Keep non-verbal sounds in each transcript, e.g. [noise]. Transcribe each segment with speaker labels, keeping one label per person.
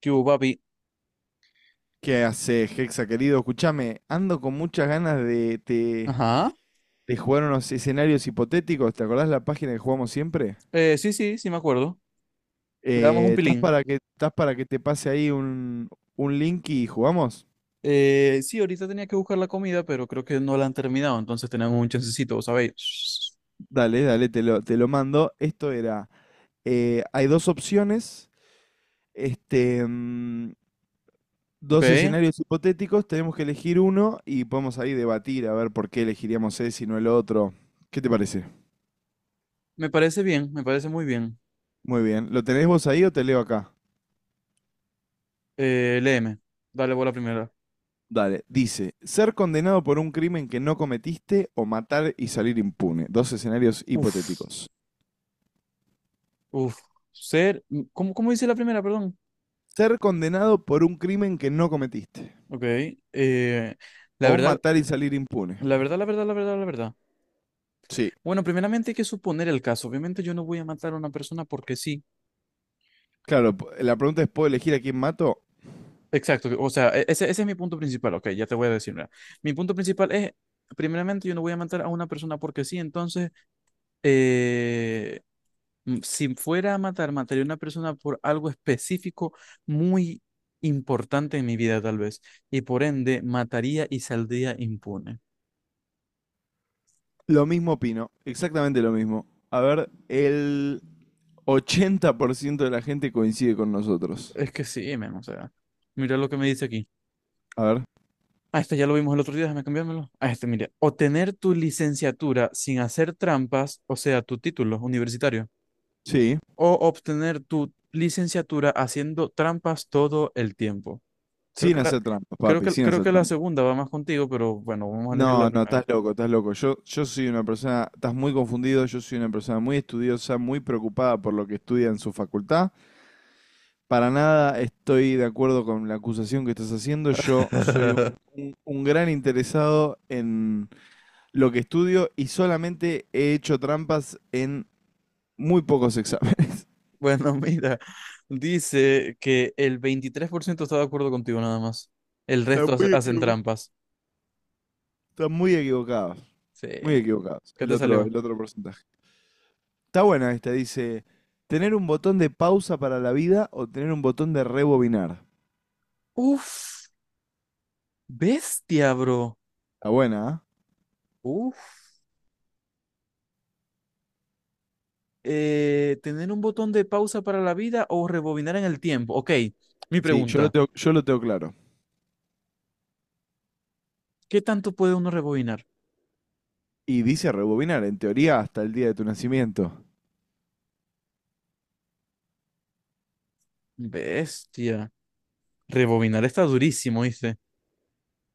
Speaker 1: ¿Qué hubo, papi?
Speaker 2: ¿Qué haces, Hexa, querido? Escuchame, ando con muchas ganas de, te
Speaker 1: Ajá.
Speaker 2: de jugar unos escenarios hipotéticos. ¿Te acordás la página que jugamos siempre?
Speaker 1: Sí, sí, sí me acuerdo. Le damos un
Speaker 2: ¿estás
Speaker 1: pilín.
Speaker 2: para que, estás para que te pase ahí un link y jugamos?
Speaker 1: Sí, ahorita tenía que buscar la comida, pero creo que no la han terminado, entonces tenemos un chancecito, ¿sabéis?
Speaker 2: Dale, dale, te lo mando. Esto era, hay dos opciones, este, mm, dos
Speaker 1: Ok.
Speaker 2: escenarios hipotéticos, tenemos que elegir uno y podemos ahí debatir a ver por qué elegiríamos ese y no el otro. ¿Qué te parece?
Speaker 1: Me parece bien, me parece muy bien.
Speaker 2: Muy bien, ¿lo tenés vos ahí o te leo acá?
Speaker 1: Léeme. Dale vos la primera.
Speaker 2: Dale, dice, ser condenado por un crimen que no cometiste o matar y salir impune. Dos escenarios
Speaker 1: Uf,
Speaker 2: hipotéticos.
Speaker 1: uf. ¿Cómo dice la primera, perdón?
Speaker 2: Ser condenado por un crimen que no cometiste
Speaker 1: Ok. eh, la
Speaker 2: o
Speaker 1: verdad,
Speaker 2: matar y salir impune.
Speaker 1: la verdad, la verdad, la verdad, la verdad.
Speaker 2: Sí,
Speaker 1: Bueno, primeramente hay que suponer el caso. Obviamente yo no voy a matar a una persona porque sí.
Speaker 2: claro, p- la pregunta es, ¿puedo elegir a quién mato?
Speaker 1: Exacto, o sea, ese es mi punto principal, ok, ya te voy a decir, mira. Mi punto principal es, primeramente, yo no voy a matar a una persona porque sí, entonces, eh, si fuera a matar, mataría a una persona por algo específico muy importante en mi vida, tal vez, y por ende, mataría y saldría impune.
Speaker 2: Lo mismo opino, exactamente lo mismo. A ver, el 80% de la gente coincide con nosotros.
Speaker 1: Es que sí, men, o sea, mira lo que me dice aquí.
Speaker 2: A ver,
Speaker 1: Ah, este ya lo vimos el otro día, déjame cambiármelo. Ah, este, mire, obtener tu licenciatura sin hacer trampas, o sea, tu título universitario
Speaker 2: sí,
Speaker 1: o obtener tu licenciatura haciendo trampas todo el tiempo. Creo
Speaker 2: sin
Speaker 1: que la,
Speaker 2: hacer trampas,
Speaker 1: creo
Speaker 2: papi,
Speaker 1: que,
Speaker 2: sin
Speaker 1: creo
Speaker 2: hacer
Speaker 1: que la
Speaker 2: trampas.
Speaker 1: segunda va más contigo, pero bueno, vamos a elegir la
Speaker 2: No, no,
Speaker 1: primera.
Speaker 2: estás loco, estás loco. Yo soy una persona, estás muy confundido, yo soy una persona muy estudiosa, muy preocupada por lo que estudia en su facultad. Para nada estoy de acuerdo con la acusación que estás haciendo. Yo soy
Speaker 1: [laughs]
Speaker 2: un gran interesado en lo que estudio y solamente he hecho trampas en muy pocos exámenes. [laughs]
Speaker 1: Bueno, mira, dice que el 23% está de acuerdo contigo nada más. El
Speaker 2: Estás
Speaker 1: resto
Speaker 2: muy
Speaker 1: hacen
Speaker 2: equivo-
Speaker 1: trampas.
Speaker 2: estás muy equivocados,
Speaker 1: Sí.
Speaker 2: muy equivocados.
Speaker 1: ¿Qué te salió?
Speaker 2: El otro porcentaje. Está buena esta, dice, ¿tener un botón de pausa para la vida o tener un botón de rebobinar?
Speaker 1: Uf, bestia, bro.
Speaker 2: Está buena, ¿ah?
Speaker 1: Uf. ¿Tener un botón de pausa para la vida o rebobinar en el tiempo? Ok, mi
Speaker 2: Sí.
Speaker 1: pregunta,
Speaker 2: Yo lo tengo claro.
Speaker 1: ¿qué tanto puede uno rebobinar?
Speaker 2: Y dice rebobinar, en teoría, hasta el día de tu nacimiento.
Speaker 1: Bestia. Rebobinar está durísimo, dice.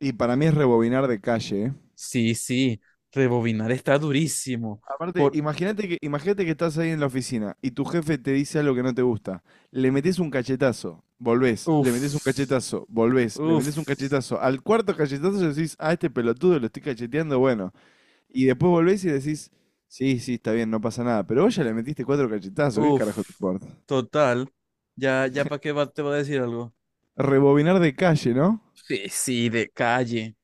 Speaker 2: Y para mí es rebobinar de calle, ¿eh?
Speaker 1: Sí, sí. Rebobinar está durísimo.
Speaker 2: Aparte,
Speaker 1: Por.
Speaker 2: imagínate que estás ahí en la oficina y tu jefe te dice algo que no te gusta. Le metes un cachetazo, volvés, le metes un
Speaker 1: Uf.
Speaker 2: cachetazo, volvés, le
Speaker 1: Uf.
Speaker 2: metes un cachetazo. Al cuarto cachetazo decís, ah, este pelotudo lo estoy cacheteando, bueno. Y después volvés y decís, sí, sí, está bien, no pasa nada. Pero vos ya le metiste cuatro cachetazos, ¿qué carajo te
Speaker 1: Uf.
Speaker 2: importa?
Speaker 1: Total. Ya, ya para te va a decir algo.
Speaker 2: Rebobinar de calle, ¿no?
Speaker 1: Sí, sí, de calle.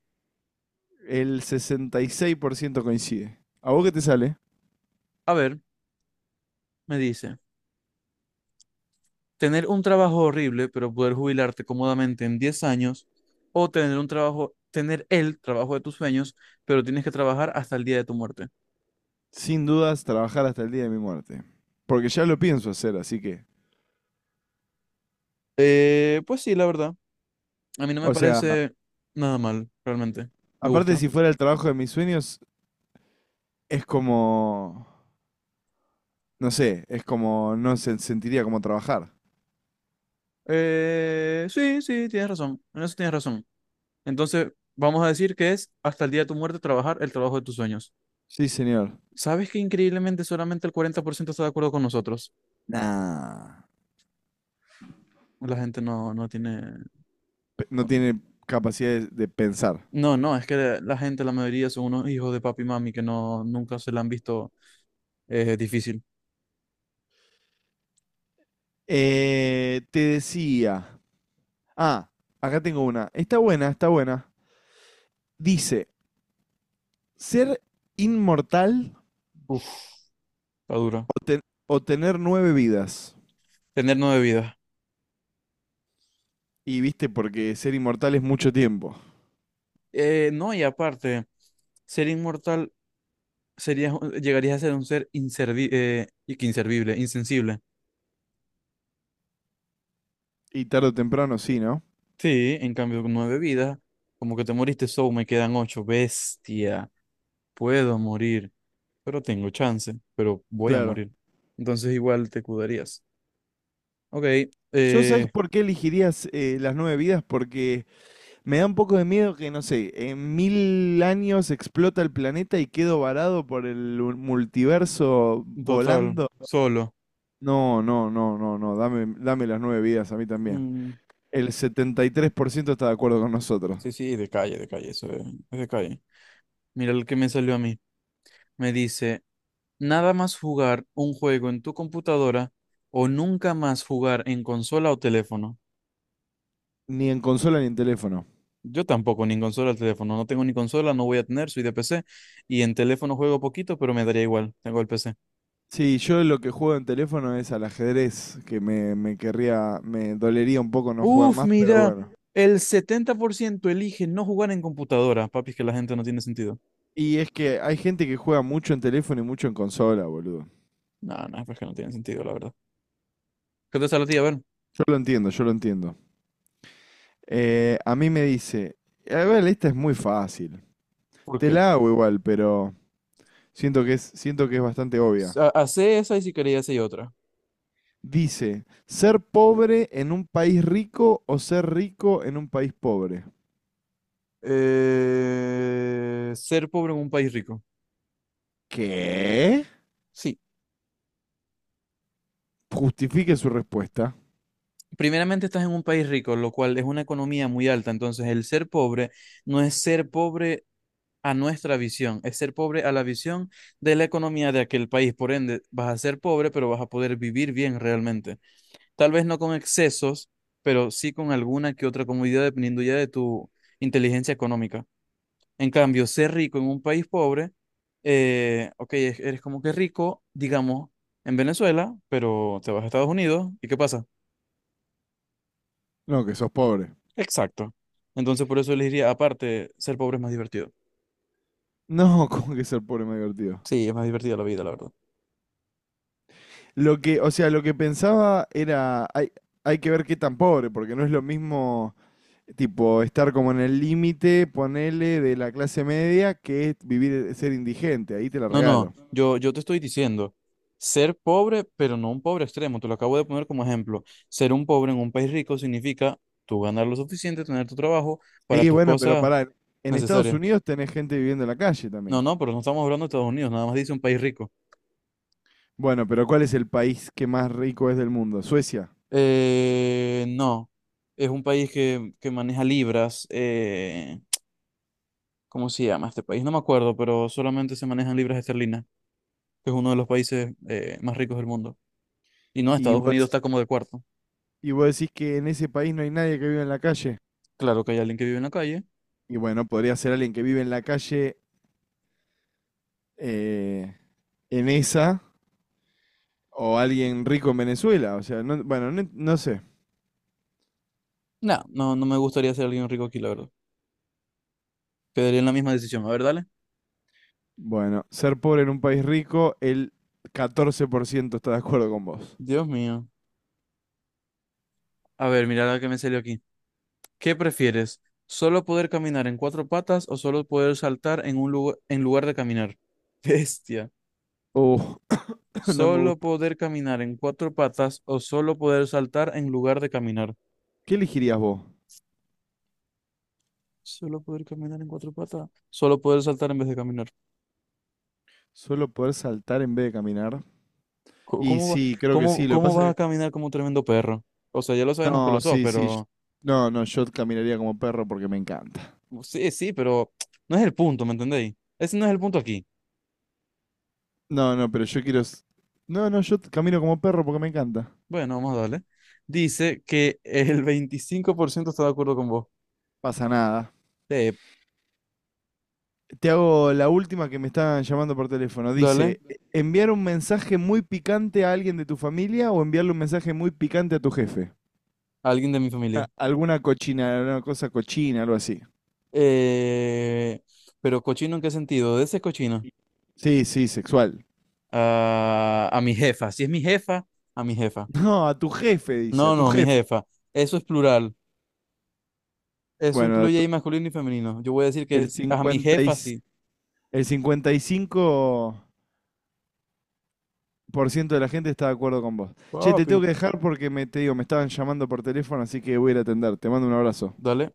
Speaker 2: El 66% coincide. ¿A vos qué te sale?
Speaker 1: A ver, me dice. Tener un trabajo horrible, pero poder jubilarte cómodamente en 10 años. O tener el trabajo de tus sueños, pero tienes que trabajar hasta el día de tu muerte.
Speaker 2: Sin dudas, trabajar hasta el día de mi muerte. Porque ya lo pienso hacer, así que.
Speaker 1: Pues sí, la verdad. A mí no me
Speaker 2: O sea,
Speaker 1: parece nada mal, realmente. Me
Speaker 2: aparte,
Speaker 1: gusta.
Speaker 2: si fuera el trabajo de mis sueños, es como. No sé, es como. No se sentiría como trabajar.
Speaker 1: Sí, sí, tienes razón. En eso tienes razón. Entonces, vamos a decir que es hasta el día de tu muerte trabajar el trabajo de tus sueños.
Speaker 2: Sí, señor.
Speaker 1: ¿Sabes que increíblemente solamente el 40% está de acuerdo con nosotros?
Speaker 2: Nah.
Speaker 1: La gente no, no tiene...
Speaker 2: Pe- No tiene capacidad de pensar.
Speaker 1: No, no, es que la gente, la mayoría son unos hijos de papi y mami que no, nunca se la han visto difícil.
Speaker 2: Te decía. Ah, acá tengo una. Está buena, está buena. Dice, ¿ser inmortal
Speaker 1: Uf, está dura.
Speaker 2: o, ten- o tener nueve vidas?
Speaker 1: Tener nueve vidas.
Speaker 2: Y viste, porque ser inmortal es mucho tiempo.
Speaker 1: No, y aparte, ser inmortal serías, llegarías a ser un ser inservi y que inservible, insensible.
Speaker 2: Y tarde o temprano sí, ¿no?
Speaker 1: Sí, en cambio, con nueve vidas, como que te moriste, so me quedan ocho. Bestia, puedo morir, pero tengo chance, pero voy a
Speaker 2: Claro.
Speaker 1: morir. Entonces, igual te cuidarías. Ok,
Speaker 2: Yo sabes
Speaker 1: eh,
Speaker 2: por qué elegirías las nueve vidas, porque me da un poco de miedo que, no sé, en mil años explota el planeta y quedo varado por el u- multiverso
Speaker 1: total,
Speaker 2: volando.
Speaker 1: solo.
Speaker 2: No, no, no, no, no, dame, dame las nueve vidas a mí también.
Speaker 1: Mm,
Speaker 2: El 73% está de acuerdo con nosotros.
Speaker 1: sí, sí, de calle, eso es de calle. Mira el que me salió a mí. Me dice. Nada más jugar un juego en tu computadora o nunca más jugar en consola o teléfono.
Speaker 2: Ni en consola ni en teléfono.
Speaker 1: Yo tampoco, ni en consola el teléfono. No tengo ni consola, no voy a tener, soy de PC. Y en teléfono juego poquito, pero me daría igual. Tengo el PC.
Speaker 2: Sí, yo lo que juego en teléfono es al ajedrez, que me querría, me dolería un poco no jugar
Speaker 1: Uf,
Speaker 2: más, pero
Speaker 1: mira,
Speaker 2: bueno.
Speaker 1: el 70% elige no jugar en computadora. Papi, es que la gente no tiene sentido.
Speaker 2: Y es que hay gente que juega mucho en teléfono y mucho en consola, boludo.
Speaker 1: No, no, es que no tiene sentido, la verdad. ¿Qué te sale a ti? A ver,
Speaker 2: Yo lo entiendo, yo lo entiendo. A mí me dice, a ver, esta es muy fácil.
Speaker 1: ¿por
Speaker 2: Te
Speaker 1: qué?
Speaker 2: la hago igual, pero siento que es bastante obvia.
Speaker 1: Hacé esa y si quería hacer otra.
Speaker 2: Dice, ¿ser pobre en un país rico o ser rico en un país pobre?
Speaker 1: Ser pobre en un país rico.
Speaker 2: ¿Qué?
Speaker 1: Sí.
Speaker 2: Justifique su respuesta.
Speaker 1: Primeramente estás en un país rico, lo cual es una economía muy alta. Entonces, el ser pobre no es ser pobre a nuestra visión, es ser pobre a la visión de la economía de aquel país. Por ende, vas a ser pobre, pero vas a poder vivir bien realmente. Tal vez no con excesos, pero sí con alguna que otra comodidad dependiendo ya de tu inteligencia económica. En cambio, ser rico en un país pobre, ok, eres como que rico, digamos, en Venezuela, pero te vas a Estados Unidos, ¿y qué pasa?
Speaker 2: No, que sos pobre.
Speaker 1: Exacto. Entonces, por eso les diría, aparte, ser pobre es más divertido.
Speaker 2: No, [laughs] ¿cómo que ser pobre me divertido?
Speaker 1: Sí, es más divertida la vida, la verdad.
Speaker 2: Lo que, o sea, lo que pensaba era, hay que ver qué tan pobre, porque no es lo mismo, tipo, estar como en el límite, ponele, de la clase media, que es vivir, ser indigente, ahí te la
Speaker 1: No, no,
Speaker 2: regalo.
Speaker 1: yo te estoy diciendo, ser pobre, pero no un pobre extremo, te lo acabo de poner como ejemplo. Ser un pobre en un país rico significa tú ganar lo suficiente, tener tu trabajo para
Speaker 2: Y
Speaker 1: tus
Speaker 2: bueno, pero
Speaker 1: cosas
Speaker 2: pará, en Estados
Speaker 1: necesarias.
Speaker 2: Unidos tenés gente viviendo en la calle
Speaker 1: No,
Speaker 2: también.
Speaker 1: no, pero no estamos hablando de Estados Unidos, nada más dice un país rico.
Speaker 2: Bueno, pero ¿cuál es el país que más rico es del mundo? Suecia.
Speaker 1: No, es un país que maneja libras, ¿cómo se llama este país? No me acuerdo, pero solamente se manejan libras esterlinas, que es uno de los países más ricos del mundo. Y no,
Speaker 2: Y
Speaker 1: Estados
Speaker 2: vos,
Speaker 1: Unidos está como de cuarto.
Speaker 2: y vos decís que en ese país no hay nadie que vive en la calle.
Speaker 1: Claro que hay alguien que vive en la calle.
Speaker 2: Y bueno, podría ser alguien que vive en la calle eh, en esa o alguien rico en Venezuela. O sea, no, bueno, no, no sé.
Speaker 1: No, no, no me gustaría ser alguien rico aquí, la verdad. Quedaría en la misma decisión. A ver, dale.
Speaker 2: Bueno, ser pobre en un país rico, el 14% está de acuerdo con vos.
Speaker 1: Dios mío. A ver, mira la que me salió aquí. ¿Qué prefieres? ¿Solo poder caminar en cuatro patas o solo poder saltar en un lugar, en lugar de caminar? [laughs] Bestia.
Speaker 2: Uh, [laughs] [coughs] no me
Speaker 1: ¿Solo
Speaker 2: gusta.
Speaker 1: poder caminar en cuatro patas o solo poder saltar en lugar de caminar?
Speaker 2: ¿Qué elegirías vos?
Speaker 1: Solo poder caminar en cuatro patas. Solo poder saltar en vez de caminar.
Speaker 2: ¿Solo poder saltar en vez de caminar?
Speaker 1: Co-
Speaker 2: Y
Speaker 1: ¿Cómo va-
Speaker 2: sí, creo que
Speaker 1: cómo,
Speaker 2: sí. Lo que
Speaker 1: cómo
Speaker 2: pasa
Speaker 1: vas a
Speaker 2: que...
Speaker 1: caminar como un tremendo perro? O sea, ya lo sabemos que lo
Speaker 2: No,
Speaker 1: sos,
Speaker 2: sí, sí. Yo-
Speaker 1: pero
Speaker 2: no, no, yo caminaría como perro porque me encanta.
Speaker 1: sí, sí, pero no es el punto, ¿me entendéis? Ese no es el punto aquí.
Speaker 2: No, no, pero yo quiero... s- no, no, yo t- camino como perro porque me encanta.
Speaker 1: Bueno, vamos a darle. Dice que el 25% está de acuerdo con vos.
Speaker 2: Pasa nada.
Speaker 1: Eh,
Speaker 2: Te hago la última que me están llamando por teléfono.
Speaker 1: Dale,
Speaker 2: Dice, "E- ¿enviar un mensaje muy picante a alguien de tu familia o enviarle un mensaje muy picante a tu jefe? [laughs]
Speaker 1: alguien de mi
Speaker 2: A-
Speaker 1: familia.
Speaker 2: Alguna cochina, una cosa cochina, algo así.
Speaker 1: Eh, pero cochino, ¿en qué sentido? De ese cochino.
Speaker 2: Sí, sí, sexual.
Speaker 1: A mi jefa. Si es mi jefa, a mi jefa.
Speaker 2: No, a tu jefe, dice, a
Speaker 1: No,
Speaker 2: tu
Speaker 1: no, mi
Speaker 2: jefe.
Speaker 1: jefa. Eso es plural. Eso
Speaker 2: Bueno, a
Speaker 1: incluye
Speaker 2: tu-
Speaker 1: ahí masculino y femenino. Yo voy a decir que
Speaker 2: el
Speaker 1: sí, a mi
Speaker 2: 50 y
Speaker 1: jefa sí.
Speaker 2: el cincuenta y cinco por ciento de la gente está de acuerdo con vos. Che, te
Speaker 1: Papi,
Speaker 2: tengo que dejar porque me, te digo, me estaban llamando por teléfono, así que voy a ir a atender. Te mando un abrazo.
Speaker 1: dale.